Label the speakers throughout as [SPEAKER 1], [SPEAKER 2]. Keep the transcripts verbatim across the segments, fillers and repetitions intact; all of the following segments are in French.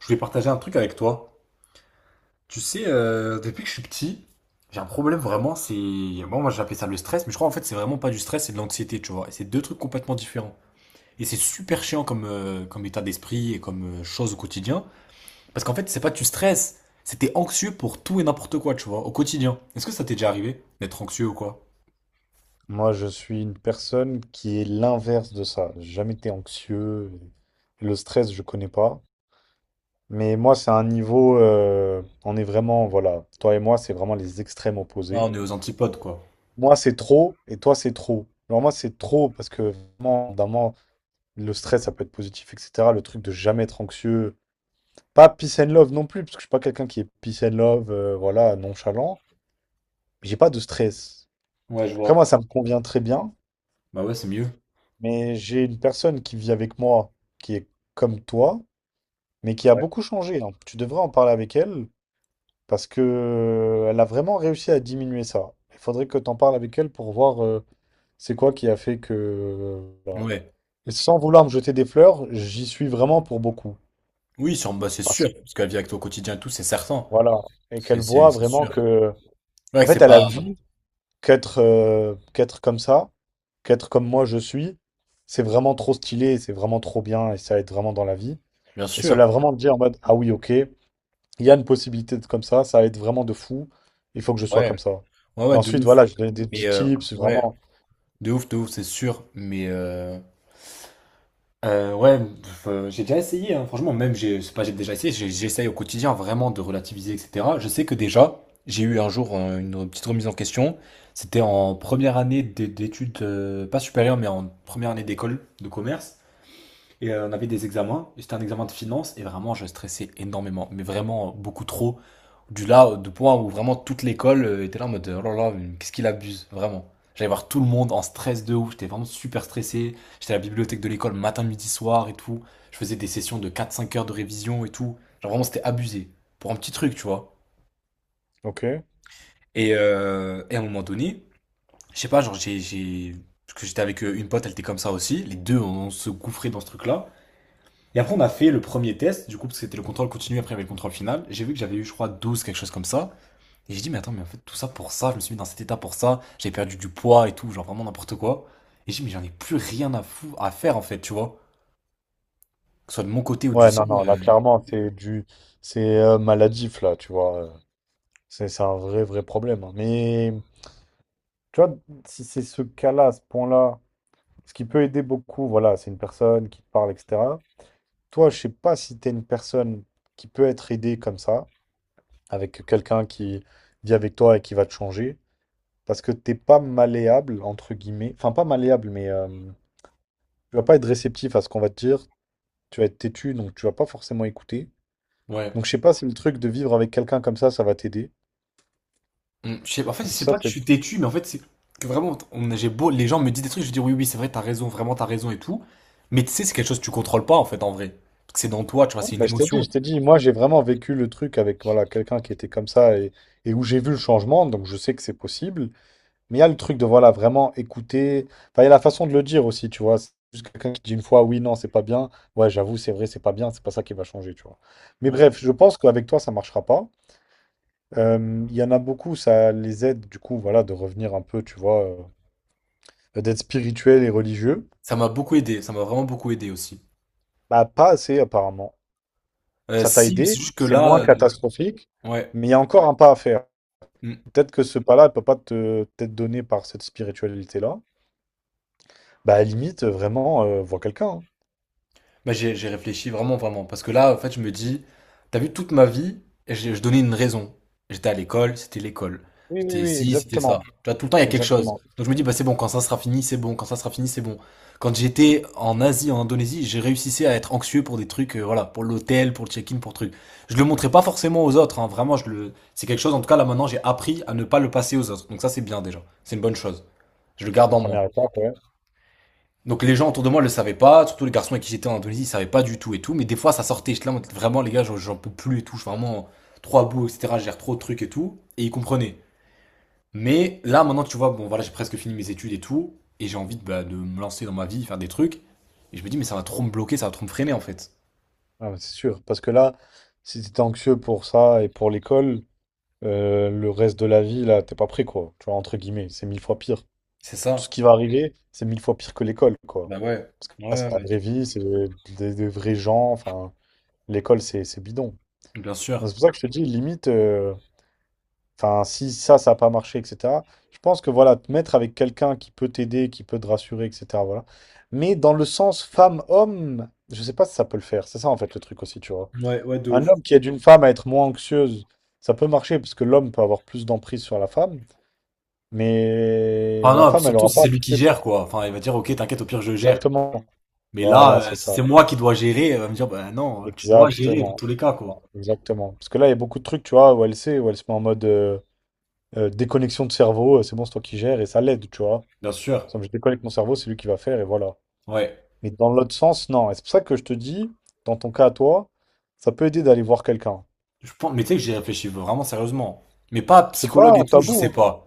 [SPEAKER 1] Je voulais partager un truc avec toi. Tu sais, euh, depuis que je suis petit, j'ai un problème vraiment, c'est... Moi, moi j'appelais ça le stress, mais je crois en fait c'est vraiment pas du stress, c'est de l'anxiété, tu vois. Et c'est deux trucs complètement différents. Et c'est super chiant comme, euh, comme état d'esprit et comme euh, chose au quotidien. Parce qu'en fait, c'est pas tu stresses, c'est t'es anxieux pour tout et n'importe quoi, tu vois, au quotidien. Est-ce que ça t'est déjà arrivé d'être anxieux ou quoi?
[SPEAKER 2] Moi, je suis une personne qui est l'inverse de ça. J'ai jamais été anxieux, et le stress, je connais pas. Mais moi, c'est un niveau, euh, on est vraiment, voilà. Toi et moi, c'est vraiment les extrêmes
[SPEAKER 1] Ah
[SPEAKER 2] opposés.
[SPEAKER 1] on est aux antipodes, quoi.
[SPEAKER 2] Moi, c'est trop et toi, c'est trop. Alors moi, c'est trop parce que vraiment, d'un moment, le stress, ça peut être positif, et cetera. Le truc de jamais être anxieux. Pas peace and love non plus, parce que je suis pas quelqu'un qui est peace and love, euh, voilà, nonchalant. J'ai pas de stress.
[SPEAKER 1] Ouais, je
[SPEAKER 2] Après, moi,
[SPEAKER 1] vois.
[SPEAKER 2] ça me convient très bien.
[SPEAKER 1] Bah ouais, c'est mieux.
[SPEAKER 2] Mais j'ai une personne qui vit avec moi, qui est comme toi, mais qui a
[SPEAKER 1] Ouais.
[SPEAKER 2] beaucoup changé, hein. Tu devrais en parler avec elle, parce que euh, elle a vraiment réussi à diminuer ça. Il faudrait que tu en parles avec elle pour voir, euh, c'est quoi qui a fait que, euh, voilà.
[SPEAKER 1] Ouais.
[SPEAKER 2] Et sans vouloir me jeter des fleurs, j'y suis vraiment pour beaucoup.
[SPEAKER 1] Oui, sur- bah, c'est
[SPEAKER 2] Parce
[SPEAKER 1] sûr,
[SPEAKER 2] que,
[SPEAKER 1] parce que la vie avec toi au quotidien et tout, c'est certain.
[SPEAKER 2] voilà. Et
[SPEAKER 1] C'est
[SPEAKER 2] qu'elle
[SPEAKER 1] c'est-
[SPEAKER 2] voit
[SPEAKER 1] c'est
[SPEAKER 2] vraiment
[SPEAKER 1] sûr.
[SPEAKER 2] que.
[SPEAKER 1] Ouais,
[SPEAKER 2] En
[SPEAKER 1] que
[SPEAKER 2] fait,
[SPEAKER 1] c'est
[SPEAKER 2] elle a
[SPEAKER 1] pas...
[SPEAKER 2] vu qu'être, euh, qu'être comme ça, qu'être comme moi je suis, c'est vraiment trop stylé, c'est vraiment trop bien et ça aide vraiment dans la vie.
[SPEAKER 1] Bien
[SPEAKER 2] Et cela
[SPEAKER 1] sûr.
[SPEAKER 2] vraiment te dire en mode, ah oui, ok, il y a une possibilité de comme ça, ça va être vraiment de fou, il faut que je sois
[SPEAKER 1] Ouais,
[SPEAKER 2] comme ça.
[SPEAKER 1] ouais,
[SPEAKER 2] Et
[SPEAKER 1] ouais, de
[SPEAKER 2] ensuite,
[SPEAKER 1] ouf.
[SPEAKER 2] voilà, je donne des
[SPEAKER 1] Mais
[SPEAKER 2] petits
[SPEAKER 1] euh,
[SPEAKER 2] tips,
[SPEAKER 1] ouais,
[SPEAKER 2] vraiment.
[SPEAKER 1] de ouf, de ouf, c'est sûr. Mais euh, euh, ouais, pff, euh, j'ai déjà essayé, hein. Franchement, même, j'ai, c'est pas, j'ai déjà essayé, j'ai- j'essaye au quotidien vraiment de relativiser, et cetera. Je sais que déjà, j'ai eu un jour euh, une petite remise en question. C'était en première année d'é- d'études, euh, pas supérieures, mais en première année d'école de commerce. Et euh, on avait des examens, et c'était un examen de finance, et vraiment, je stressais énormément, mais vraiment euh, beaucoup trop. Du là, euh, du point où vraiment toute l'école euh, était là en mode, euh, oh là là, mais qu'est-ce qu'il abuse, vraiment. J'allais voir tout le monde en stress de ouf, j'étais vraiment super stressé. J'étais à la bibliothèque de l'école matin, midi, soir et tout. Je faisais des sessions de quatre cinq heures de révision et tout. Genre vraiment, c'était abusé. Pour un petit truc, tu vois.
[SPEAKER 2] Ok.
[SPEAKER 1] Et, euh, et à un moment donné, je sais pas, genre j'ai... j'ai- parce que j'étais avec euh, une pote, elle était comme ça aussi. Les deux, on se gouffrait dans ce truc-là. Et après, on a fait le premier test, du coup, parce que c'était le contrôle continu, après il y avait le contrôle final. J'ai vu que j'avais eu, je crois, douze quelque chose comme ça. Et j'ai dit, mais attends, mais en fait, tout ça pour ça, je me suis mis dans cet état pour ça, j'ai perdu du poids et tout, genre vraiment n'importe quoi. Et j'ai dit, mais j'en ai plus rien à, fou à faire, en fait, tu vois. Que ce soit de mon côté ou du
[SPEAKER 2] Ouais, non,
[SPEAKER 1] sien.
[SPEAKER 2] non, là,
[SPEAKER 1] euh,
[SPEAKER 2] clairement, c'est du, c'est euh, maladif, là, tu vois. euh, C'est c'est un vrai, vrai problème, hein. Mais, tu vois, si c'est ce cas-là, ce point-là, ce qui peut aider beaucoup, voilà, c'est une personne qui te parle, et cetera. Toi, je sais pas si tu es une personne qui peut être aidée comme ça, avec quelqu'un qui vit avec toi et qui va te changer. Parce que t'es pas malléable, entre guillemets. Enfin, pas malléable, mais euh, tu vas pas être réceptif à ce qu'on va te dire. Tu vas être têtu, donc tu vas pas forcément écouter.
[SPEAKER 1] Ouais.
[SPEAKER 2] Donc, je sais pas si le truc de vivre avec quelqu'un comme ça, ça va t'aider.
[SPEAKER 1] Mm, je sais, en fait,
[SPEAKER 2] Donc,
[SPEAKER 1] c'est
[SPEAKER 2] ça,
[SPEAKER 1] pas que je
[SPEAKER 2] c'est.
[SPEAKER 1] suis têtu, mais en fait, c'est que vraiment, on, j'ai beau, les gens me disent des trucs, je dis, oui, oui, c'est vrai, t'as raison, vraiment, t'as raison et tout. Mais tu sais, c'est quelque chose que tu contrôles pas, en fait, en vrai. Parce que c'est dans toi, tu vois,
[SPEAKER 2] Ouais,
[SPEAKER 1] c'est une
[SPEAKER 2] bah, je t'ai dit,
[SPEAKER 1] émotion.
[SPEAKER 2] je t'ai dit, moi, j'ai vraiment vécu le truc avec, voilà, quelqu'un qui était comme ça, et, et où j'ai vu le changement, donc je sais que c'est possible. Mais il y a le truc de, voilà, vraiment écouter. Enfin, il y a la façon de le dire aussi, tu vois. C'est juste quelqu'un qui dit une fois, oui, non, c'est pas bien. Ouais, j'avoue, c'est vrai, c'est pas bien, c'est pas ça qui va changer, tu vois. Mais
[SPEAKER 1] Ouais.
[SPEAKER 2] bref, je pense qu'avec toi, ça marchera pas. Euh, Il y en a beaucoup, ça les aide du coup, voilà, de revenir un peu, tu vois, euh, d'être spirituel et religieux.
[SPEAKER 1] Ça m'a beaucoup aidé, ça m'a vraiment beaucoup aidé aussi.
[SPEAKER 2] Bah, pas assez apparemment.
[SPEAKER 1] Euh,
[SPEAKER 2] Ça t'a
[SPEAKER 1] si, mais c'est
[SPEAKER 2] aidé,
[SPEAKER 1] juste que
[SPEAKER 2] c'est moins
[SPEAKER 1] là, euh,
[SPEAKER 2] catastrophique,
[SPEAKER 1] ouais.
[SPEAKER 2] mais il y a encore un pas à faire.
[SPEAKER 1] Mm.
[SPEAKER 2] Peut-être que ce pas-là, il peut pas te t'être donné par cette spiritualité-là. Bah, à la limite, euh, vraiment, euh, vois quelqu'un, hein.
[SPEAKER 1] Bah, j'ai j'ai réfléchi vraiment, vraiment. Parce que là, en fait, je me dis, t'as vu toute ma vie, et j'ai- je donnais une raison. J'étais à l'école, c'était l'école.
[SPEAKER 2] Oui,
[SPEAKER 1] J'étais
[SPEAKER 2] oui, oui,
[SPEAKER 1] ici, c'était ça.
[SPEAKER 2] exactement.
[SPEAKER 1] Tu vois, tout le temps, il y a quelque chose.
[SPEAKER 2] Exactement.
[SPEAKER 1] Donc je me dis, bah, c'est bon, quand ça sera fini, c'est bon, quand ça sera fini, c'est bon. Quand j'étais en Asie, en Indonésie, j'ai réussi à être anxieux pour des trucs, euh, voilà, pour l'hôtel, pour le check-in, pour trucs. Je le montrais pas forcément aux autres, hein, vraiment, je le... c'est quelque chose, en tout cas, là, maintenant, j'ai appris à ne pas le passer aux autres. Donc ça, c'est bien déjà. C'est une bonne chose. Je le
[SPEAKER 2] C'est
[SPEAKER 1] garde
[SPEAKER 2] une
[SPEAKER 1] en moi.
[SPEAKER 2] première étape, ouais.
[SPEAKER 1] Donc les gens autour de moi ne le savaient pas, surtout les garçons avec qui j'étais en Indonésie, ils ne savaient pas du tout et tout, mais des fois ça sortait, j'étais là, vraiment les gars, j'en- peux plus et tout, je suis vraiment trop à bout, et cetera, je gère trop de trucs et tout, et ils comprenaient. Mais là maintenant tu vois, bon voilà, j'ai presque fini mes études et tout, et j'ai envie de, bah, de me lancer dans ma vie, faire des trucs, et je me dis, mais ça va trop me bloquer, ça va trop me freiner en fait.
[SPEAKER 2] Ah, mais c'est sûr. Parce que là, si t'es anxieux pour ça et pour l'école, euh, le reste de la vie, là, t'es pas prêt, quoi. Tu vois, entre guillemets, c'est mille fois pire.
[SPEAKER 1] C'est
[SPEAKER 2] Tout ce
[SPEAKER 1] ça.
[SPEAKER 2] qui va arriver, c'est mille fois pire que l'école, quoi.
[SPEAKER 1] Bah ouais,
[SPEAKER 2] Là,
[SPEAKER 1] ouais,
[SPEAKER 2] c'est la
[SPEAKER 1] ouais.
[SPEAKER 2] vraie vie, c'est des, des vrais gens. Enfin, l'école, c'est c'est bidon.
[SPEAKER 1] Bien
[SPEAKER 2] Donc,
[SPEAKER 1] sûr.
[SPEAKER 2] c'est pour ça que je te dis, limite, euh, enfin, si ça, ça n'a pas marché, et cetera. Je pense que, voilà, te mettre avec quelqu'un qui peut t'aider, qui peut te rassurer, et cetera. Voilà. Mais dans le sens femme-homme, je sais pas si ça peut le faire. C'est ça, en fait, le truc aussi, tu vois.
[SPEAKER 1] Ouais, ouais, de
[SPEAKER 2] Un
[SPEAKER 1] ouf.
[SPEAKER 2] homme qui aide une femme à être moins anxieuse, ça peut marcher parce que l'homme peut avoir plus d'emprise sur la femme, mais
[SPEAKER 1] Enfin
[SPEAKER 2] la
[SPEAKER 1] non, puis
[SPEAKER 2] femme, elle
[SPEAKER 1] surtout
[SPEAKER 2] aura
[SPEAKER 1] si
[SPEAKER 2] pas
[SPEAKER 1] c'est lui qui
[SPEAKER 2] peut-être
[SPEAKER 1] gère quoi. Enfin il va dire ok t'inquiète au pire je gère.
[SPEAKER 2] exactement.
[SPEAKER 1] Mais
[SPEAKER 2] Voilà,
[SPEAKER 1] là euh,
[SPEAKER 2] c'est
[SPEAKER 1] si
[SPEAKER 2] ça.
[SPEAKER 1] c'est moi qui dois gérer, euh, il va me dire bah non tu dois gérer dans
[SPEAKER 2] Exactement.
[SPEAKER 1] tous les cas
[SPEAKER 2] Ouais,
[SPEAKER 1] quoi.
[SPEAKER 2] exactement. Parce que là, il y a beaucoup de trucs, tu vois, où elle sait, où elle se met en mode, euh, euh, déconnexion de cerveau, euh, c'est bon, c'est toi qui gères, et ça l'aide, tu vois.
[SPEAKER 1] Bien sûr,
[SPEAKER 2] Ça, je déconnecte mon cerveau, c'est lui qui va faire, et voilà.
[SPEAKER 1] ouais.
[SPEAKER 2] Mais dans l'autre sens, non. Et c'est pour ça que je te dis, dans ton cas à toi, ça peut aider d'aller voir quelqu'un.
[SPEAKER 1] Je pense, mais tu sais que j'y réfléchis vraiment sérieusement. Mais pas
[SPEAKER 2] C'est
[SPEAKER 1] psychologue
[SPEAKER 2] pas
[SPEAKER 1] et
[SPEAKER 2] un
[SPEAKER 1] tout, je
[SPEAKER 2] tabou,
[SPEAKER 1] sais
[SPEAKER 2] hein.
[SPEAKER 1] pas.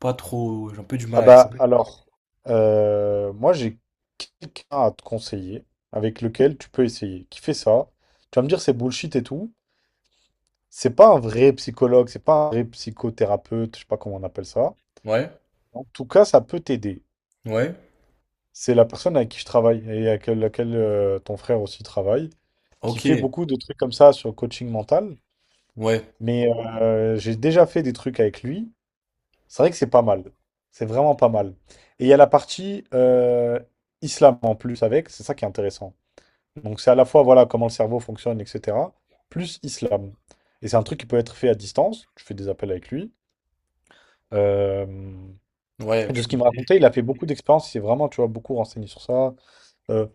[SPEAKER 1] Pas trop, j'ai un peu du mal
[SPEAKER 2] Ah
[SPEAKER 1] avec ça.
[SPEAKER 2] bah, alors, euh, moi, j'ai quelqu'un à te conseiller, avec lequel tu peux essayer, qui fait ça. Tu vas me dire, c'est bullshit et tout. C'est pas un vrai psychologue, c'est pas un vrai psychothérapeute, je sais pas comment on appelle ça.
[SPEAKER 1] Ouais,
[SPEAKER 2] En tout cas, ça peut t'aider.
[SPEAKER 1] ouais.
[SPEAKER 2] C'est la personne avec qui je travaille et avec laquelle euh, ton frère aussi travaille, qui
[SPEAKER 1] Ok,
[SPEAKER 2] fait beaucoup de trucs comme ça sur le coaching mental.
[SPEAKER 1] ouais,
[SPEAKER 2] Mais euh, j'ai déjà fait des trucs avec lui. C'est vrai que c'est pas mal. C'est vraiment pas mal. Et il y a la partie, euh, islam en plus avec, c'est ça qui est intéressant. Donc c'est à la fois, voilà, comment le cerveau fonctionne, et cetera. Plus islam. Et c'est un truc qui peut être fait à distance. Tu fais des appels avec lui. Euh,
[SPEAKER 1] ouais,
[SPEAKER 2] de
[SPEAKER 1] je
[SPEAKER 2] ce
[SPEAKER 1] peux
[SPEAKER 2] qu'il me
[SPEAKER 1] essayer.
[SPEAKER 2] racontait, il a fait beaucoup d'expériences, il s'est vraiment, tu vois, beaucoup renseigné sur ça. Euh,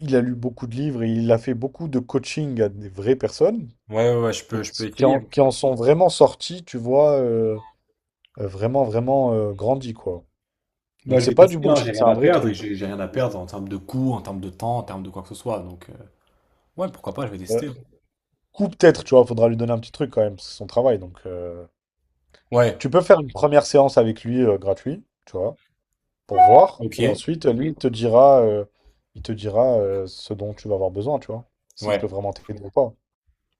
[SPEAKER 2] il a lu beaucoup de livres et il a fait beaucoup de coaching à des vraies personnes
[SPEAKER 1] Ouais, ouais, ouais, je
[SPEAKER 2] et
[SPEAKER 1] peux, je peux
[SPEAKER 2] qui, qui
[SPEAKER 1] essayer.
[SPEAKER 2] en, qui en sont vraiment sorties, tu vois, euh, euh, vraiment, vraiment, euh, grandies, quoi.
[SPEAKER 1] Bah,
[SPEAKER 2] Donc
[SPEAKER 1] je
[SPEAKER 2] c'est
[SPEAKER 1] vais
[SPEAKER 2] pas du
[SPEAKER 1] tester, hein, j'ai
[SPEAKER 2] bullshit,
[SPEAKER 1] rien
[SPEAKER 2] c'est un
[SPEAKER 1] à
[SPEAKER 2] vrai
[SPEAKER 1] perdre et
[SPEAKER 2] truc.
[SPEAKER 1] j'ai j'ai rien à perdre en termes de coût, en termes de temps, en termes de quoi que ce soit. Donc, euh, ouais, pourquoi pas, je vais
[SPEAKER 2] Euh,
[SPEAKER 1] tester.
[SPEAKER 2] Coup, peut-être, tu vois, faudra lui donner un petit truc quand même, parce que c'est son travail. Donc euh,
[SPEAKER 1] Ouais,
[SPEAKER 2] tu peux faire une première séance avec lui, euh, gratuit, tu vois. Pour voir. Et
[SPEAKER 1] ok,
[SPEAKER 2] ensuite, lui, il te dira, euh, il te dira euh, ce dont tu vas avoir besoin, tu vois, s'il peut
[SPEAKER 1] ouais,
[SPEAKER 2] vraiment t'aider ou pas.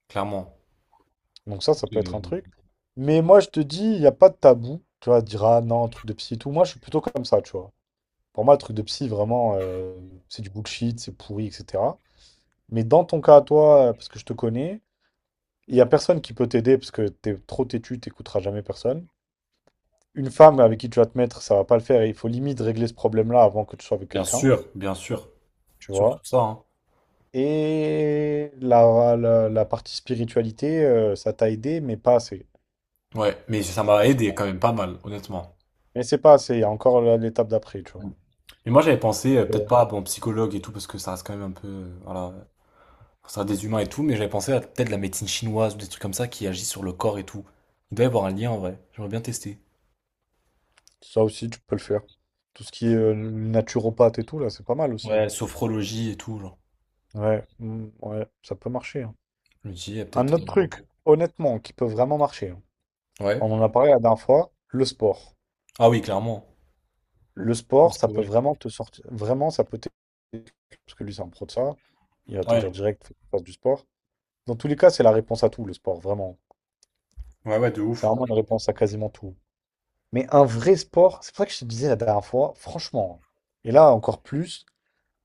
[SPEAKER 1] clairement.
[SPEAKER 2] Donc ça, ça peut être un
[SPEAKER 1] Euh,
[SPEAKER 2] truc. Mais moi, je te dis, il n'y a pas de tabou. Tu vois, dire ah non, truc de psy et tout. Moi, je suis plutôt comme ça, tu vois. Pour moi, le truc de psy, vraiment, euh, c'est du bullshit, c'est pourri, et cetera. Mais dans ton cas à toi, euh, parce que je te connais, il n'y a personne qui peut t'aider parce que t'es trop têtu, t'écouteras jamais personne. Une femme avec qui tu vas te mettre, ça va pas le faire et il faut limite régler ce problème-là avant que tu sois avec
[SPEAKER 1] bien
[SPEAKER 2] quelqu'un,
[SPEAKER 1] sûr, bien sûr,
[SPEAKER 2] tu vois.
[SPEAKER 1] surtout ça, hein.
[SPEAKER 2] Et la, la, la partie spiritualité, euh, ça t'a aidé, mais pas assez.
[SPEAKER 1] Ouais, mais ça
[SPEAKER 2] C'est.
[SPEAKER 1] m'a aidé quand même pas mal, honnêtement.
[SPEAKER 2] Mais c'est pas assez, il y a encore la- l'étape d'après, tu vois.
[SPEAKER 1] Et moi j'avais pensé, euh, peut-être
[SPEAKER 2] Ouais.
[SPEAKER 1] pas bon psychologue et tout, parce que ça reste quand même un peu, euh, voilà, ça reste des humains et tout, mais j'avais pensé à peut-être la médecine chinoise ou des trucs comme ça qui agissent sur le corps et tout. Il doit y avoir un lien en vrai, j'aimerais bien tester.
[SPEAKER 2] Ça aussi, tu peux le faire. Tout ce qui est euh, naturopathe et tout, là, c'est pas mal aussi,
[SPEAKER 1] Ouais,
[SPEAKER 2] hein.
[SPEAKER 1] sophrologie et tout, genre.
[SPEAKER 2] Ouais, mm, ouais, ça peut marcher, hein.
[SPEAKER 1] Je me dis, il y a
[SPEAKER 2] Un
[SPEAKER 1] peut-être.
[SPEAKER 2] autre
[SPEAKER 1] euh,
[SPEAKER 2] truc, honnêtement, qui peut vraiment marcher, hein.
[SPEAKER 1] Ouais.
[SPEAKER 2] On en a parlé la dernière fois, le sport.
[SPEAKER 1] Ah oui, clairement.
[SPEAKER 2] Le sport, ça peut vraiment te sortir. Vraiment, ça peut t'aider. Parce que lui, c'est un pro de ça. Il va te dire
[SPEAKER 1] Ouais.
[SPEAKER 2] direct, fais fais du sport. Dans tous les cas, c'est la réponse à tout, le sport, vraiment.
[SPEAKER 1] Ouais, ouais, de
[SPEAKER 2] C'est
[SPEAKER 1] ouf.
[SPEAKER 2] vraiment une réponse à quasiment tout. Mais un vrai sport, c'est pour ça que je te disais la dernière fois, franchement, et là encore plus,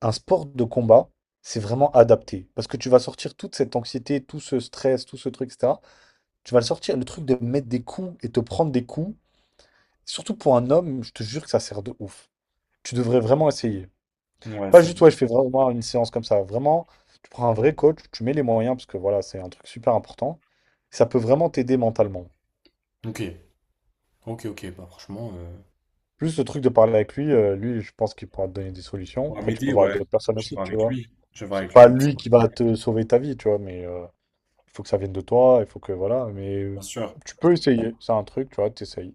[SPEAKER 2] un sport de combat, c'est vraiment adapté. Parce que tu vas sortir toute cette anxiété, tout ce stress, tout ce truc, et cetera. Tu vas le sortir, le truc de mettre des coups et te prendre des coups, surtout pour un homme, je te jure que ça sert de ouf. Tu devrais vraiment essayer.
[SPEAKER 1] Ouais,
[SPEAKER 2] Pas
[SPEAKER 1] c'est
[SPEAKER 2] juste,
[SPEAKER 1] vrai.
[SPEAKER 2] ouais, je fais vraiment une séance comme ça. Vraiment, tu prends un vrai coach, tu mets les moyens, parce que voilà, c'est un truc super important. Ça peut vraiment t'aider mentalement.
[SPEAKER 1] Ok, ok, ok, bah franchement. Euh...
[SPEAKER 2] Juste le truc de parler avec lui, euh, lui, je pense qu'il pourra te donner des solutions.
[SPEAKER 1] Ouais,
[SPEAKER 2] Après, tu peux
[SPEAKER 1] m'aider,
[SPEAKER 2] voir avec
[SPEAKER 1] ouais.
[SPEAKER 2] d'autres personnes
[SPEAKER 1] Je vais
[SPEAKER 2] aussi,
[SPEAKER 1] voir
[SPEAKER 2] tu
[SPEAKER 1] avec
[SPEAKER 2] vois.
[SPEAKER 1] lui. Je vais voir
[SPEAKER 2] C'est
[SPEAKER 1] avec lui
[SPEAKER 2] pas
[SPEAKER 1] aussi,
[SPEAKER 2] lui qui va te sauver ta vie, tu vois, mais euh, il faut que ça vienne de toi, il faut que, voilà, mais euh,
[SPEAKER 1] bien sûr.
[SPEAKER 2] tu peux essayer. C'est un truc, tu vois, t'essayes.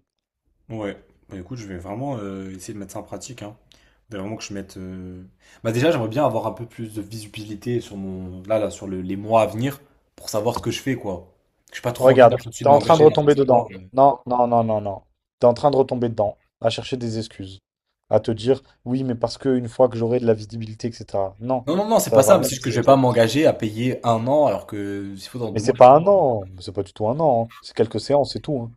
[SPEAKER 1] Ouais. Bah écoute, je vais vraiment euh, essayer de mettre ça en pratique, hein. Faudrait vraiment que je mette. euh, Bah déjà, j'aimerais bien avoir un peu plus de visibilité sur mon. Là, là, sur le- les mois à venir pour savoir ce que je fais, quoi. J'ai pas trop envie là
[SPEAKER 2] Regarde,
[SPEAKER 1] tout de suite
[SPEAKER 2] t'es
[SPEAKER 1] de
[SPEAKER 2] en train de
[SPEAKER 1] m'engager dans un
[SPEAKER 2] retomber
[SPEAKER 1] sport.
[SPEAKER 2] dedans.
[SPEAKER 1] euh.
[SPEAKER 2] Non, non, non, non, non. T'es en train de retomber dedans, à chercher des excuses, à te dire, oui, mais parce que une fois que j'aurai de la visibilité, et cetera. Non,
[SPEAKER 1] Non, non, non, c'est pas
[SPEAKER 2] ça va
[SPEAKER 1] ça, mais
[SPEAKER 2] rien
[SPEAKER 1] c'est juste que je
[SPEAKER 2] changer.
[SPEAKER 1] vais pas m'engager à payer un an alors que s'il faut dans
[SPEAKER 2] Mais
[SPEAKER 1] deux mois.
[SPEAKER 2] c'est pas
[SPEAKER 1] je-
[SPEAKER 2] un an, c'est pas du tout un an, hein. C'est quelques séances, c'est tout, hein.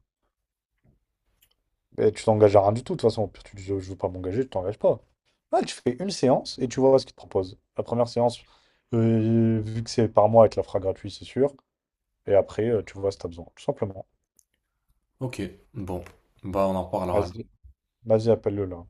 [SPEAKER 2] Et tu t'engages à rien du tout, de toute façon. Au pire, tu dis, je veux pas m'engager, tu t'engages pas. Là, tu fais une séance et tu vois ce qu'ils te proposent. La première séance, euh, vu que c'est par mois, elle te la fera gratuit, c'est sûr. Et après, euh, tu vois si t'as besoin, tout simplement.
[SPEAKER 1] Ok, bon. Bah, on en reparlera.
[SPEAKER 2] Vas-y, vas-y, appelle-le là.